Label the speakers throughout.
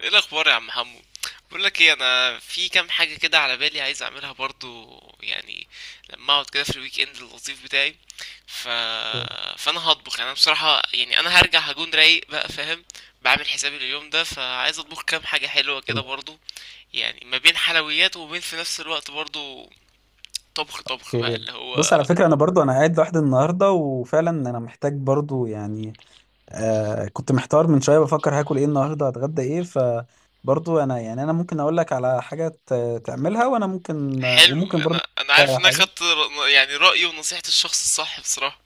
Speaker 1: ايه الاخبار يا عم حمو؟ بقول لك ايه، انا في كام حاجه كده على بالي عايز اعملها برضو يعني. لما اقعد كده في الويك اند اللطيف بتاعي ف...
Speaker 2: اوكي.
Speaker 1: فانا هطبخ. يعني انا بصراحه يعني انا هرجع هكون رايق بقى، فاهم؟ بعمل حسابي لليوم ده، فعايز اطبخ كام حاجه حلوه كده برضو، يعني ما بين حلويات وما بين في نفس الوقت برضو طبخ بقى اللي
Speaker 2: بص،
Speaker 1: هو.
Speaker 2: على فكرة أنا برضو أنا قاعد لوحدي النهاردة وفعلا أنا محتاج برضو يعني. كنت محتار من شوية بفكر هاكل إيه النهاردة، هتغدى إيه؟ فبرضو أنا يعني أنا ممكن أقول لك على حاجة تعملها، وأنا ممكن
Speaker 1: حلو،
Speaker 2: وممكن برضو
Speaker 1: انا
Speaker 2: تقول لي
Speaker 1: عارف
Speaker 2: على
Speaker 1: ان انا
Speaker 2: حاجة.
Speaker 1: خدت يعني رايي ونصيحه الشخص الصح بصراحه.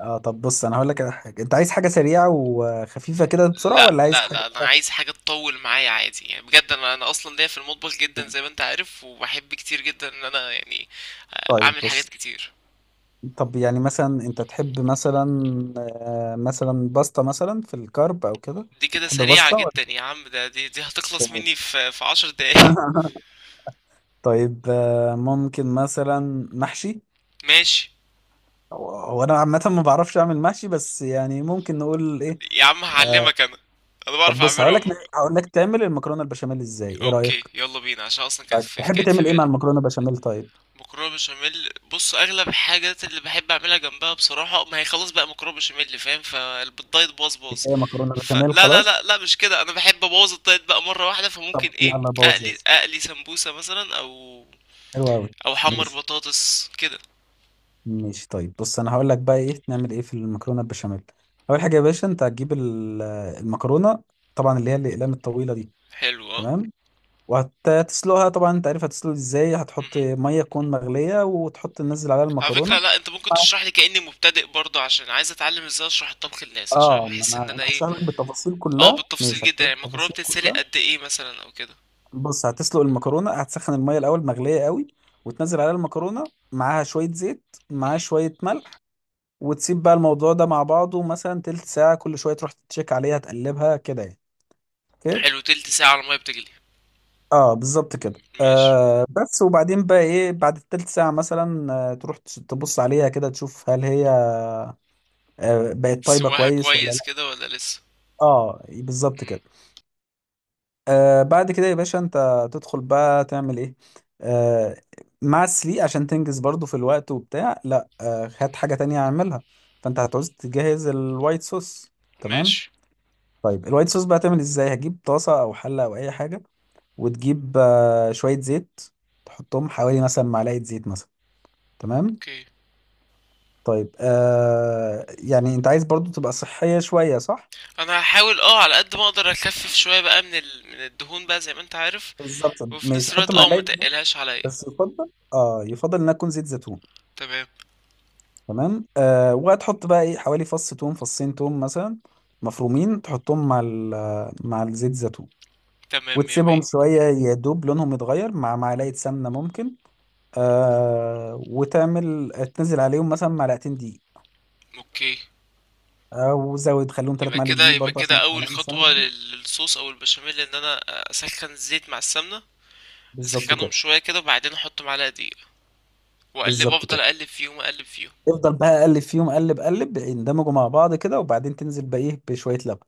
Speaker 2: طب بص، أنا هقول لك على حاجة. أنت عايز حاجة سريعة وخفيفة كده بسرعة،
Speaker 1: لا
Speaker 2: ولا عايز
Speaker 1: لا
Speaker 2: حاجة
Speaker 1: لا انا عايز حاجه تطول معايا عادي يعني، بجد انا اصلا ليا في المطبخ جدا زي ما انت عارف، وبحب كتير جدا ان انا يعني
Speaker 2: طيب
Speaker 1: اعمل حاجات
Speaker 2: بص.
Speaker 1: كتير.
Speaker 2: طب يعني مثلا أنت تحب مثلا مثلا باستا، مثلا في الكارب أو كده؟
Speaker 1: دي كده
Speaker 2: تحب
Speaker 1: سريعه
Speaker 2: باستا
Speaker 1: جدا يا عم، ده دي هتخلص مني في عشر دقايق.
Speaker 2: ولا طيب ممكن مثلا محشي.
Speaker 1: ماشي.
Speaker 2: هو انا عامه ما بعرفش اعمل محشي، بس يعني ممكن نقول ايه.
Speaker 1: يا عم هعلمك انا، انا
Speaker 2: طب
Speaker 1: بعرف
Speaker 2: بص،
Speaker 1: اعمله
Speaker 2: هقول لك
Speaker 1: عموما.
Speaker 2: هقول لك تعمل المكرونه البشاميل ازاي، ايه رايك؟
Speaker 1: اوكي يلا بينا، عشان اصلا كانت
Speaker 2: طيب
Speaker 1: في
Speaker 2: تحب
Speaker 1: كانت في
Speaker 2: تعمل ايه مع
Speaker 1: بالي
Speaker 2: المكرونه البشاميل؟ طيب
Speaker 1: مكرونه بشاميل. بص اغلب الحاجات اللي بحب اعملها جنبها بصراحه، ما هي خلاص بقى مكرونه بشاميل، فاهم؟ فالدايت باظ باظ.
Speaker 2: كفايه مكرونه
Speaker 1: فلا
Speaker 2: بشاميل
Speaker 1: لا لا
Speaker 2: خلاص.
Speaker 1: لا مش كده، انا بحب ابوظ الدايت بقى مره واحده، فممكن
Speaker 2: طب
Speaker 1: ايه،
Speaker 2: يلا بوظ يا
Speaker 1: اقلي
Speaker 2: سيدي.
Speaker 1: اقلي سمبوسه مثلا، او
Speaker 2: حلو قوي.
Speaker 1: او احمر
Speaker 2: ماشي.
Speaker 1: بطاطس كده.
Speaker 2: ماشي. طيب بص انا هقول لك بقى ايه نعمل ايه في المكرونه البشاميل. اول حاجه يا باشا انت هتجيب المكرونه، طبعا اللي هي الاقلام الطويله دي.
Speaker 1: حلو اه.
Speaker 2: تمام. وهتسلقها طبعا، انت عارف هتسلق ازاي، هتحط
Speaker 1: مهم.
Speaker 2: ميه تكون مغليه وتحط تنزل عليها
Speaker 1: على فكره
Speaker 2: المكرونه.
Speaker 1: لا، انت ممكن تشرح لي كاني مبتدئ برضه، عشان عايز اتعلم ازاي اشرح الطبخ للناس، عشان
Speaker 2: اه ما
Speaker 1: بحس ان
Speaker 2: انا
Speaker 1: انا
Speaker 2: انا
Speaker 1: ايه.
Speaker 2: هشرح لك بالتفاصيل
Speaker 1: اه
Speaker 2: كلها، ماشي،
Speaker 1: بالتفصيل
Speaker 2: هشرح
Speaker 1: جدا،
Speaker 2: لك
Speaker 1: يعني المكرونه
Speaker 2: التفاصيل
Speaker 1: بتتسلق
Speaker 2: كلها.
Speaker 1: قد ايه مثلا او كده؟
Speaker 2: بص، هتسلق المكرونه، هتسخن الميه الاول مغليه قوي، وتنزل عليها المكرونه معاها شويه زيت، معاها
Speaker 1: مهم.
Speaker 2: شويه ملح. وتسيب بقى الموضوع ده مع بعضه مثلا تلت ساعه، كل شويه تروح تتشيك عليها تقلبها كده يعني. اوكي.
Speaker 1: حلو، تلت ساعه على الميه بتجلي.
Speaker 2: اه بالظبط كده.
Speaker 1: ماشي.
Speaker 2: بس وبعدين بقى ايه بعد التلت ساعه مثلا تروح تبص عليها كده تشوف هل هي بقت طيبة
Speaker 1: سواها
Speaker 2: كويس ولا
Speaker 1: كويس
Speaker 2: لا.
Speaker 1: كده ولا لسه؟
Speaker 2: اه بالظبط
Speaker 1: مم.
Speaker 2: كده. بعد كده يا باشا انت تدخل بقى تعمل ايه آه مع السليق عشان تنجز برضو في الوقت وبتاع. لا هات حاجة تانية اعملها. فانت هتعوز تجهز الوايت صوص. تمام.
Speaker 1: ماشي.
Speaker 2: طيب الوايت صوص بقى تعمل ازاي، هتجيب طاسة او حلة او اي حاجة، وتجيب شوية زيت، تحطهم حوالي مثلا معلقة زيت مثلا. تمام.
Speaker 1: اوكي.
Speaker 2: طيب يعني انت عايز برضو تبقى صحية شوية، صح؟
Speaker 1: انا هحاول اه على قد ما اقدر اخفف شويه بقى من من الدهون بقى زي ما انت عارف،
Speaker 2: بالظبط
Speaker 1: وفي نفس
Speaker 2: ماشي، حط
Speaker 1: الوقت اه ما
Speaker 2: معلقة،
Speaker 1: تقلهاش عليا.
Speaker 2: بس يفضل اه يفضل انها تكون زيت زيتون.
Speaker 1: تمام.
Speaker 2: تمام. وهتحط بقى ايه حوالي فص توم، فصين توم مثلا، مفرومين، تحطهم مع مع الزيت زيتون،
Speaker 1: تمام يا مية.
Speaker 2: وتسيبهم شوية يا دوب لونهم يتغير، مع معلقة سمنة ممكن. وتعمل تنزل عليهم مثلا معلقتين دقيق،
Speaker 1: اوكي.
Speaker 2: او زود خليهم ثلاث
Speaker 1: يبقى
Speaker 2: معالق
Speaker 1: كده،
Speaker 2: دقيق
Speaker 1: يبقى
Speaker 2: برضه عشان
Speaker 1: كده
Speaker 2: احنا
Speaker 1: اول
Speaker 2: هنعمل سمنة
Speaker 1: خطوه
Speaker 2: دي.
Speaker 1: للصوص او البشاميل، ان انا اسخن الزيت مع السمنه،
Speaker 2: بالظبط
Speaker 1: اسخنهم
Speaker 2: كده.
Speaker 1: شويه كده، وبعدين احط معلقه دقيق واقلب،
Speaker 2: بالظبط
Speaker 1: افضل
Speaker 2: كده،
Speaker 1: اقلب فيهم اقلب فيهم.
Speaker 2: افضل بقى قلب فيهم، قلب قلب يندمجوا مع بعض كده، وبعدين تنزل بقى ايه بشوية لبن،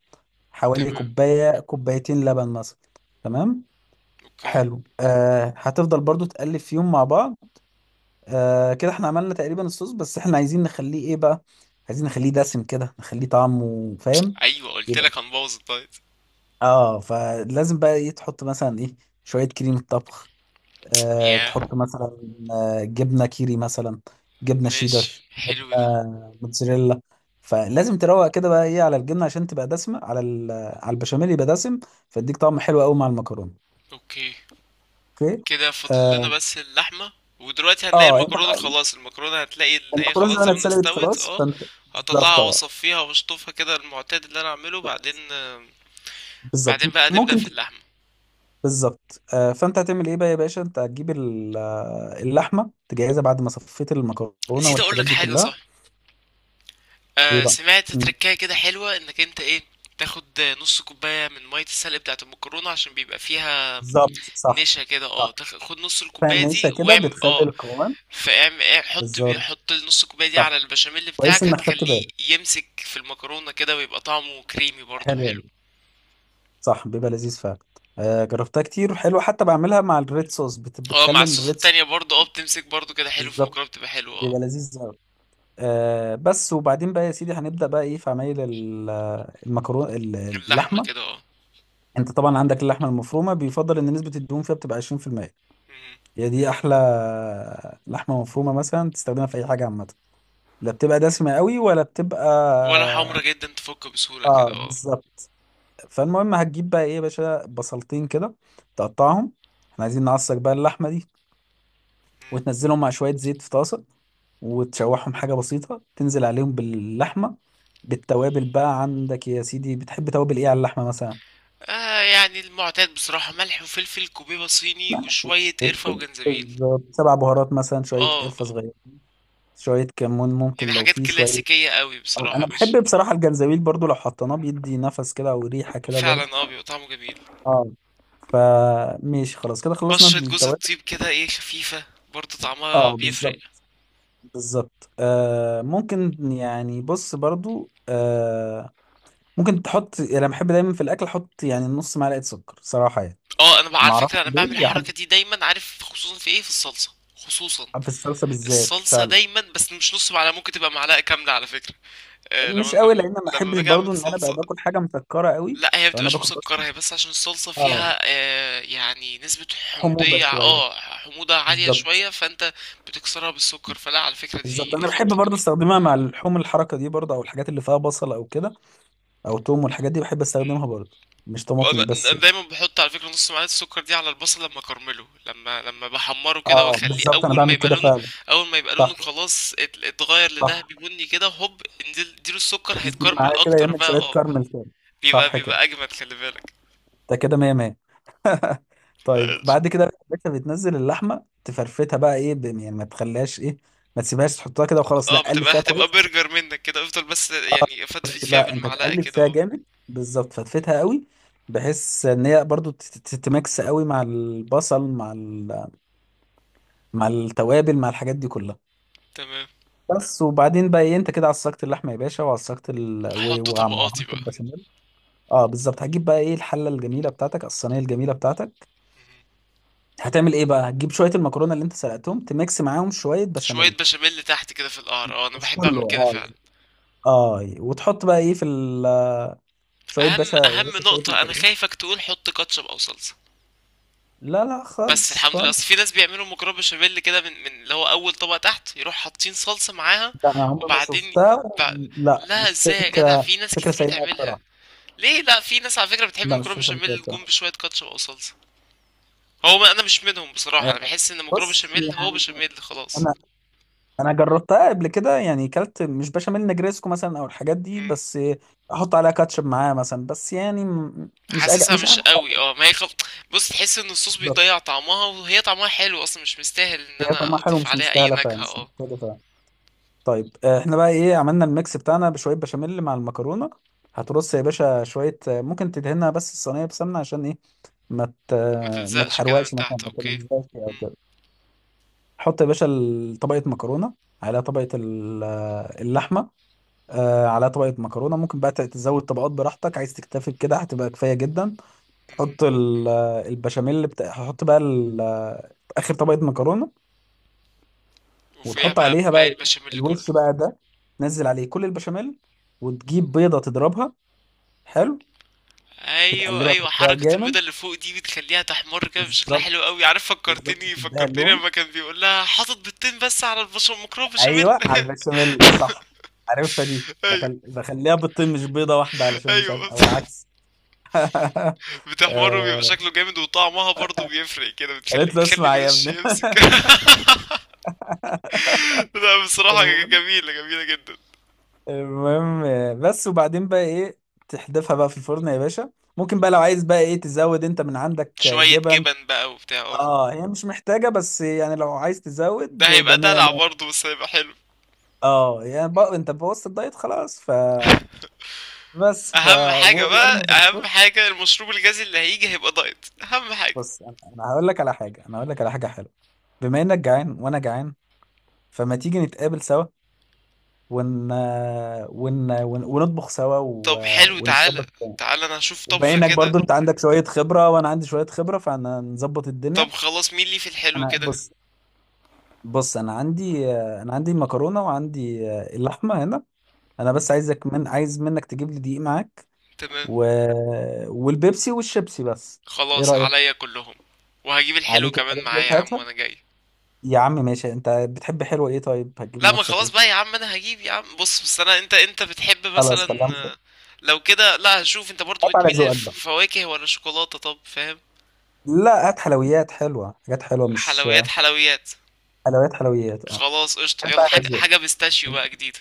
Speaker 2: حوالي
Speaker 1: تمام.
Speaker 2: كوباية كوبايتين لبن مثلا. تمام.
Speaker 1: اوكي.
Speaker 2: حلو. هتفضل برضو تقلب فيهم مع بعض. كده احنا عملنا تقريبا الصوص، بس احنا عايزين نخليه ايه بقى، عايزين نخليه دسم كده نخليه طعمه فاهم.
Speaker 1: ايوه قلت
Speaker 2: يبقى
Speaker 1: لك هنبوظ الدايت.
Speaker 2: اه فلازم بقى ايه تحط مثلا ايه شوية كريمة طبخ، تحط
Speaker 1: ياه.
Speaker 2: مثلا جبنه كيري مثلا، جبنه شيدر،
Speaker 1: ماشي،
Speaker 2: جبنه
Speaker 1: حلو ده.
Speaker 2: موتزاريلا. فلازم تروق كده بقى ايه على الجبنه عشان تبقى دسمه على على البشاميل يبقى دسم، فيديك طعم حلو قوي مع المكرونه.
Speaker 1: اوكي.
Speaker 2: اوكي.
Speaker 1: كده فاضل لنا
Speaker 2: اه,
Speaker 1: بس اللحمة، ودلوقتي هنلاقي
Speaker 2: انت
Speaker 1: المكرونة
Speaker 2: بقى ايه،
Speaker 1: خلاص، المكرونة هتلاقي ان هي
Speaker 2: المكرونه زي
Speaker 1: خلاص
Speaker 2: ما انا
Speaker 1: زمانها
Speaker 2: اتسلقت
Speaker 1: استوت
Speaker 2: خلاص
Speaker 1: اه.
Speaker 2: فانت. بالظبط
Speaker 1: هطلعها واصفيها واشطفها كده المعتاد اللي انا اعمله، بعدين بعدين
Speaker 2: بالظبط.
Speaker 1: بقى نبدأ
Speaker 2: ممكن
Speaker 1: في
Speaker 2: ت-
Speaker 1: اللحمة.
Speaker 2: بالظبط. فانت هتعمل ايه بقى يا باشا، انت هتجيب اللحمه تجهزها بعد ما صفيت المكرونه
Speaker 1: نسيت
Speaker 2: والحاجات
Speaker 1: اقولك
Speaker 2: دي
Speaker 1: حاجة،
Speaker 2: كلها.
Speaker 1: صح،
Speaker 2: ايه
Speaker 1: آه،
Speaker 2: بقى.
Speaker 1: سمعت
Speaker 2: مم.
Speaker 1: تركاية كده حلوة، انك انت ايه، تاخد نص كوباية من مية السلق بتاعة المكرونة، عشان بيبقى فيها
Speaker 2: بالظبط صح.
Speaker 1: نشا كده اه، خد نص الكوبايه
Speaker 2: فنشة
Speaker 1: دي
Speaker 2: كده
Speaker 1: واعمل
Speaker 2: بتخلي
Speaker 1: اه،
Speaker 2: القوام.
Speaker 1: فاعمل حط بيه،
Speaker 2: بالظبط
Speaker 1: حط نص الكوبايه دي
Speaker 2: صح.
Speaker 1: على البشاميل
Speaker 2: كويس
Speaker 1: بتاعك،
Speaker 2: انك خدت
Speaker 1: هتخليه
Speaker 2: بالك.
Speaker 1: يمسك في المكرونه كده ويبقى طعمه كريمي برضه
Speaker 2: حلو
Speaker 1: حلو.
Speaker 2: أوي. صح بيبقى لذيذ فعلا. جربتها كتير وحلو، حتى بعملها مع الريد صوص،
Speaker 1: اه مع
Speaker 2: بتخلي
Speaker 1: الصوص
Speaker 2: الريد صوص.
Speaker 1: التانية برضه اه بتمسك برضه كده حلو، في
Speaker 2: بالظبط.
Speaker 1: المكرونه بتبقى حلوه اه.
Speaker 2: بيبقى لذيذ قوي. بس وبعدين بقى يا سيدي هنبدأ بقى ايه في عمايل المكرونة.
Speaker 1: اللحمه
Speaker 2: اللحمة.
Speaker 1: كده اه.
Speaker 2: انت طبعا عندك اللحمة المفرومة، بيفضل ان نسبة الدهون فيها بتبقى 20%،
Speaker 1: مم.
Speaker 2: هي دي احلى. لحمة مفرومة مثلا تستخدمها في اي حاجة عامة، لا بتبقى دسمة قوي ولا بتبقى.
Speaker 1: ولا حمرا جدا، تفك بسهوله
Speaker 2: اه
Speaker 1: كده اه.
Speaker 2: بالظبط. فالمهم هتجيب بقى ايه يا باشا بصلتين كده، تقطعهم. احنا عايزين نعصر بقى اللحمه دي،
Speaker 1: مم.
Speaker 2: وتنزلهم مع شويه زيت في طاسه، وتشوحهم حاجه بسيطه، تنزل عليهم باللحمه، بالتوابل. بقى عندك يا سيدي بتحب توابل ايه على اللحمه مثلا؟
Speaker 1: آه يعني المعتاد بصراحة، ملح وفلفل، كوبيبة صيني،
Speaker 2: ملح،
Speaker 1: وشوية قرفة
Speaker 2: فلفل،
Speaker 1: وجنزبيل.
Speaker 2: بالظبط سبع بهارات مثلا، شويه
Speaker 1: اه
Speaker 2: قرفه
Speaker 1: آه.
Speaker 2: صغيره، شويه كمون ممكن
Speaker 1: يعني
Speaker 2: لو
Speaker 1: حاجات
Speaker 2: في شويه.
Speaker 1: كلاسيكية قوي بصراحة،
Speaker 2: انا
Speaker 1: مش.
Speaker 2: بحب بصراحه الجنزبيل برضو لو حطيناه، بيدي نفس كده او ريحه كده برضو.
Speaker 1: فعلا اه، بيبقى طعمه جميل.
Speaker 2: اه فماشي خلاص كده خلصنا
Speaker 1: بشرة جوز
Speaker 2: التوابل.
Speaker 1: الطيب كده ايه خفيفة، برضه طعمها
Speaker 2: اه
Speaker 1: بيفرق.
Speaker 2: بالظبط. بالظبط ممكن يعني بص برضو ممكن تحط، يعني انا بحب دايما في الاكل احط يعني نص معلقه سكر صراحه يعني.
Speaker 1: اه انا بقى
Speaker 2: ما
Speaker 1: على
Speaker 2: اعرفش
Speaker 1: فكرة انا
Speaker 2: ليه
Speaker 1: بعمل
Speaker 2: يعني.
Speaker 1: الحركة دي دايما، عارف، خصوصا في ايه، في الصلصة خصوصا.
Speaker 2: في الصلصه بالذات
Speaker 1: الصلصة
Speaker 2: فعلا.
Speaker 1: دايما، بس مش نص معلقة، ممكن تبقى معلقة كاملة على فكرة. آه لما
Speaker 2: مش
Speaker 1: لما
Speaker 2: قوي، لان ما
Speaker 1: لما
Speaker 2: احبش
Speaker 1: باجي اعمل
Speaker 2: برضو ان انا بقى
Speaker 1: صلصة.
Speaker 2: باكل حاجه مسكره قوي،
Speaker 1: لا هي
Speaker 2: لو انا
Speaker 1: بتبقاش
Speaker 2: باكل بس.
Speaker 1: مسكرة، هي بس عشان الصلصة
Speaker 2: اه.
Speaker 1: فيها آه يعني نسبة
Speaker 2: حموضه
Speaker 1: حمضية
Speaker 2: شويه،
Speaker 1: اه حموضة عالية
Speaker 2: بالظبط.
Speaker 1: شوية، فانت بتكسرها بالسكر. فلا، على فكرة
Speaker 2: بالظبط
Speaker 1: دي
Speaker 2: انا بحب
Speaker 1: خطة
Speaker 2: برضو
Speaker 1: جميلة.
Speaker 2: استخدمها مع اللحوم الحركه دي برضو، او الحاجات اللي فيها بصل او كده، او توم والحاجات دي بحب استخدمها برضو، مش طماطم
Speaker 1: انا
Speaker 2: بس
Speaker 1: أنا
Speaker 2: يعني.
Speaker 1: دايما بحط على فكره نص معلقه السكر دي على البصل لما كرمله، لما بحمره كده
Speaker 2: اه
Speaker 1: واخليه،
Speaker 2: بالظبط انا
Speaker 1: اول ما
Speaker 2: بعمل
Speaker 1: يبقى
Speaker 2: كده
Speaker 1: لونه،
Speaker 2: فعلا.
Speaker 1: اول ما يبقى لونه
Speaker 2: صح.
Speaker 1: خلاص اتغير لذهبي
Speaker 2: صح.
Speaker 1: بني كده، هوب انزل اديله السكر،
Speaker 2: يجيب
Speaker 1: هيتكرمل
Speaker 2: معاه كده،
Speaker 1: اكتر
Speaker 2: يعمل
Speaker 1: بقى
Speaker 2: شوية
Speaker 1: اه.
Speaker 2: كارمل كده.
Speaker 1: بيبقى
Speaker 2: صح كده.
Speaker 1: بيبقى اجمد، خلي بالك.
Speaker 2: ده كده مية مية. طيب
Speaker 1: ماشي.
Speaker 2: بعد كده انت بتنزل اللحمة تفرفتها بقى ايه يعني ما تخليهاش ايه، ما تسيبهاش تحطها كده وخلاص،
Speaker 1: اه،
Speaker 2: لا
Speaker 1: ما
Speaker 2: قلب
Speaker 1: تبقى
Speaker 2: فيها
Speaker 1: هتبقى
Speaker 2: كويس.
Speaker 1: برجر منك كده، افضل بس يعني فتفت فيها
Speaker 2: لا انت
Speaker 1: بالمعلقه
Speaker 2: تقلب
Speaker 1: كده
Speaker 2: فيها
Speaker 1: اه.
Speaker 2: جامد، بالظبط فتفتها قوي، بحيث ان هي برضو تتمكس قوي مع البصل مع مع التوابل مع الحاجات دي كلها.
Speaker 1: تمام.
Speaker 2: بس وبعدين بقى ايه، انت كده عصقت اللحمه يا باشا، وعصقت
Speaker 1: هحط طبقاتي
Speaker 2: وعملت
Speaker 1: بقى.
Speaker 2: البشاميل. اه بالظبط. هتجيب بقى ايه الحله الجميله بتاعتك، الصينيه الجميله بتاعتك.
Speaker 1: مهم.
Speaker 2: هتعمل ايه بقى، هتجيب شويه المكرونه اللي انت سلقتهم تميكس معاهم شويه
Speaker 1: شويه
Speaker 2: بشاميل،
Speaker 1: بشاميل تحت كده في القعر اه، انا
Speaker 2: مش
Speaker 1: بحب
Speaker 2: كله
Speaker 1: اعمل كده
Speaker 2: اه
Speaker 1: فعلا.
Speaker 2: يعني. اه يعني. وتحط بقى ايه في شويه
Speaker 1: اهم
Speaker 2: باشا، يا
Speaker 1: اهم
Speaker 2: باشا شويه
Speaker 1: نقطه، انا
Speaker 2: مكرونه.
Speaker 1: خايفك تقول حط كاتشب او صلصه.
Speaker 2: لا لا
Speaker 1: بس
Speaker 2: خالص
Speaker 1: الحمد لله،
Speaker 2: خالص.
Speaker 1: اصل في ناس بيعملوا مكرونه بشاميل كده، من اللي هو اول طبقه تحت يروح حاطين صلصه معاها،
Speaker 2: ده انا عمري ما
Speaker 1: وبعدين
Speaker 2: شفتها.
Speaker 1: ب...
Speaker 2: لا
Speaker 1: لا
Speaker 2: مش
Speaker 1: ازاي يا جدع،
Speaker 2: فكره.
Speaker 1: في ناس
Speaker 2: فكره
Speaker 1: كتير
Speaker 2: سيئه
Speaker 1: بتعملها.
Speaker 2: بصراحه.
Speaker 1: ليه لا، في ناس على فكره بتحب
Speaker 2: لا مش
Speaker 1: المكرونه
Speaker 2: فكره سيئه
Speaker 1: بشاميل جنب
Speaker 2: بصراحه.
Speaker 1: بشويه كاتشب او صلصه. هو ما انا مش منهم بصراحه،
Speaker 2: آه،
Speaker 1: انا بحس ان المكرونه
Speaker 2: بص
Speaker 1: بشاميل هو
Speaker 2: يعني،
Speaker 1: بشاميل خلاص.
Speaker 2: انا جربتها قبل كده، يعني كلت مش بشاميل نجريسكو مثلا او الحاجات دي،
Speaker 1: مم.
Speaker 2: بس احط عليها كاتشب معاها مثلا، بس يعني
Speaker 1: حاسسها
Speaker 2: مش
Speaker 1: مش
Speaker 2: عارف.
Speaker 1: قوي اه، ما هي بص، تحس ان الصوص
Speaker 2: بالظبط.
Speaker 1: بيضيع طعمها، وهي طعمها حلو اصلا، مش مستاهل ان
Speaker 2: هي طعمها
Speaker 1: انا
Speaker 2: حلو،
Speaker 1: اضيف
Speaker 2: مش
Speaker 1: عليها اي
Speaker 2: مستاهله فعلا،
Speaker 1: نكهه
Speaker 2: مش
Speaker 1: اه.
Speaker 2: محتاجه فعلا. طيب احنا بقى ايه عملنا الميكس بتاعنا بشويه بشاميل مع المكرونه. هترص يا باشا شويه ممكن تدهنها بس الصينيه بسمنه عشان ايه ما ت-
Speaker 1: ما
Speaker 2: ما
Speaker 1: تلزقش كده
Speaker 2: تحرقش
Speaker 1: من
Speaker 2: مثلا،
Speaker 1: تحت،
Speaker 2: ما
Speaker 1: اوكي.
Speaker 2: تلزقش او
Speaker 1: مم.
Speaker 2: كده. حط يا باشا طبقه مكرونه على طبقه اللحمه، على طبقه مكرونه، ممكن بقى تزود طبقات براحتك، عايز تكتفي بكده هتبقى كفايه جدا. حط
Speaker 1: مم.
Speaker 2: البشاميل هحط بقى اخر طبقه مكرونه،
Speaker 1: وفوقيها
Speaker 2: وتحط
Speaker 1: بقى
Speaker 2: عليها
Speaker 1: باقي
Speaker 2: بقى
Speaker 1: البشاميل كله.
Speaker 2: الوش بقى ده، تنزل عليه كل البشاميل، وتجيب بيضة تضربها. حلو.
Speaker 1: ايوه
Speaker 2: بتقلبها
Speaker 1: ايوه،
Speaker 2: ترجعها
Speaker 1: حركة
Speaker 2: جامد.
Speaker 1: البيضة اللي فوق دي بتخليها تحمر كده بشكلها
Speaker 2: بالظبط.
Speaker 1: حلو قوي، عارف،
Speaker 2: بالظبط
Speaker 1: فكرتني
Speaker 2: تديها
Speaker 1: فكرتني
Speaker 2: اللون.
Speaker 1: لما كان بيقول لها حاطط بيضتين بس على البشاميل مكرونة بشاميل.
Speaker 2: ايوه على البشاميل صح. عارفها دي
Speaker 1: ايوه
Speaker 2: بخليها بيضتين مش بيضة واحدة، علشان مش
Speaker 1: ايوه.
Speaker 2: عارف او العكس.
Speaker 1: بتحمر وبيبقى
Speaker 2: آه،
Speaker 1: شكله جامد، وطعمها برضه بيفرق كده، بتخلي
Speaker 2: قالت له
Speaker 1: بتخلي
Speaker 2: اسمع يا
Speaker 1: الوش
Speaker 2: ابني.
Speaker 1: يمسك. لا بصراحة
Speaker 2: المهم
Speaker 1: جميلة، جميلة جدا.
Speaker 2: المهم بس وبعدين بقى ايه تحدفها بقى في الفرن يا باشا. ممكن بقى لو عايز بقى ايه تزود انت من عندك
Speaker 1: شوية
Speaker 2: جبن.
Speaker 1: جبن بقى وبتاع اه.
Speaker 2: اه هي مش محتاجة، بس يعني لو عايز تزود
Speaker 1: ده هيبقى
Speaker 2: يبقى 100
Speaker 1: دلع
Speaker 2: 100.
Speaker 1: برضه، بس هيبقى حلو.
Speaker 2: اه يعني بقى انت بوظت الدايت خلاص، بس
Speaker 1: اهم حاجة
Speaker 2: وارمي
Speaker 1: بقى،
Speaker 2: في
Speaker 1: اهم
Speaker 2: الفرن.
Speaker 1: حاجة المشروب الغازي اللي هيجي هيبقى دايت، اهم حاجة.
Speaker 2: بص، انا هقول لك على حاجة، حلوة بما انك جعان وانا جعان، فما تيجي نتقابل سوا ون... ونطبخ سوا
Speaker 1: طب حلو،
Speaker 2: ونظبط
Speaker 1: تعالى.
Speaker 2: الدنيا.
Speaker 1: تعالى انا هشوف
Speaker 2: وبما
Speaker 1: طبخة
Speaker 2: انك
Speaker 1: كده.
Speaker 2: برضو انت عندك شوية خبرة وانا عندي شوية خبرة، فهنظبط
Speaker 1: طب
Speaker 2: الدنيا.
Speaker 1: خلاص، مين لي في الحلو
Speaker 2: انا
Speaker 1: كده؟
Speaker 2: بص انا عندي المكرونة وعندي اللحمة هنا. انا بس عايزك، عايز منك تجيب لي دقيق معاك،
Speaker 1: تمام.
Speaker 2: و... والبيبسي والشيبسي بس. ايه
Speaker 1: خلاص
Speaker 2: رأيك؟
Speaker 1: عليا كلهم. وهجيب الحلو
Speaker 2: عليك
Speaker 1: كمان
Speaker 2: الحاجات دي
Speaker 1: معايا يا عم،
Speaker 2: هاتها.
Speaker 1: وانا جاي.
Speaker 2: يا عم ماشي، انت بتحب حلوة ايه؟ طيب هتجيب
Speaker 1: لا ما
Speaker 2: لنفسك
Speaker 1: خلاص
Speaker 2: ايه؟
Speaker 1: بقى يا عم، انا هجيب يا عم، بص بس، انا انت بتحب
Speaker 2: خلاص
Speaker 1: مثلا
Speaker 2: خلينا نفكر.
Speaker 1: آه، لو كده لا، هشوف انت برضو
Speaker 2: هات على
Speaker 1: بتميل
Speaker 2: ذوقك بقى.
Speaker 1: للفواكه ولا شوكولاتة، طب فاهم.
Speaker 2: لا، هات حلويات حلوة، حاجات حلوة مش،
Speaker 1: حلويات حلويات.
Speaker 2: حلويات حلويات اه.
Speaker 1: خلاص قشطة،
Speaker 2: هات
Speaker 1: يلا
Speaker 2: بقى على
Speaker 1: حاجة،
Speaker 2: ذوقك.
Speaker 1: بيستاشيو بقى جديدة.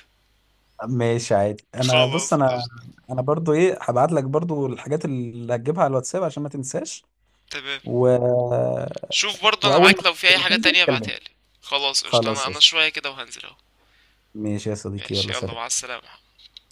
Speaker 2: ماشي عادي. انا بص،
Speaker 1: خلاص
Speaker 2: انا
Speaker 1: قشطة.
Speaker 2: برضو ايه هبعت لك برضو الحاجات اللي هتجيبها على الواتساب عشان ما تنساش.
Speaker 1: تمام.
Speaker 2: و...
Speaker 1: شوف برضو انا
Speaker 2: واول
Speaker 1: معاك،
Speaker 2: ما
Speaker 1: لو في اي حاجة
Speaker 2: تنزل
Speaker 1: تانية
Speaker 2: كلمني.
Speaker 1: ابعتها لي. خلاص قشطة، انا
Speaker 2: خلاص
Speaker 1: انا
Speaker 2: قشطة.
Speaker 1: شوية كده وهنزل اهو.
Speaker 2: ماشي يا صديقي،
Speaker 1: ماشي،
Speaker 2: يلا
Speaker 1: يلا مع
Speaker 2: سلام.
Speaker 1: السلامة.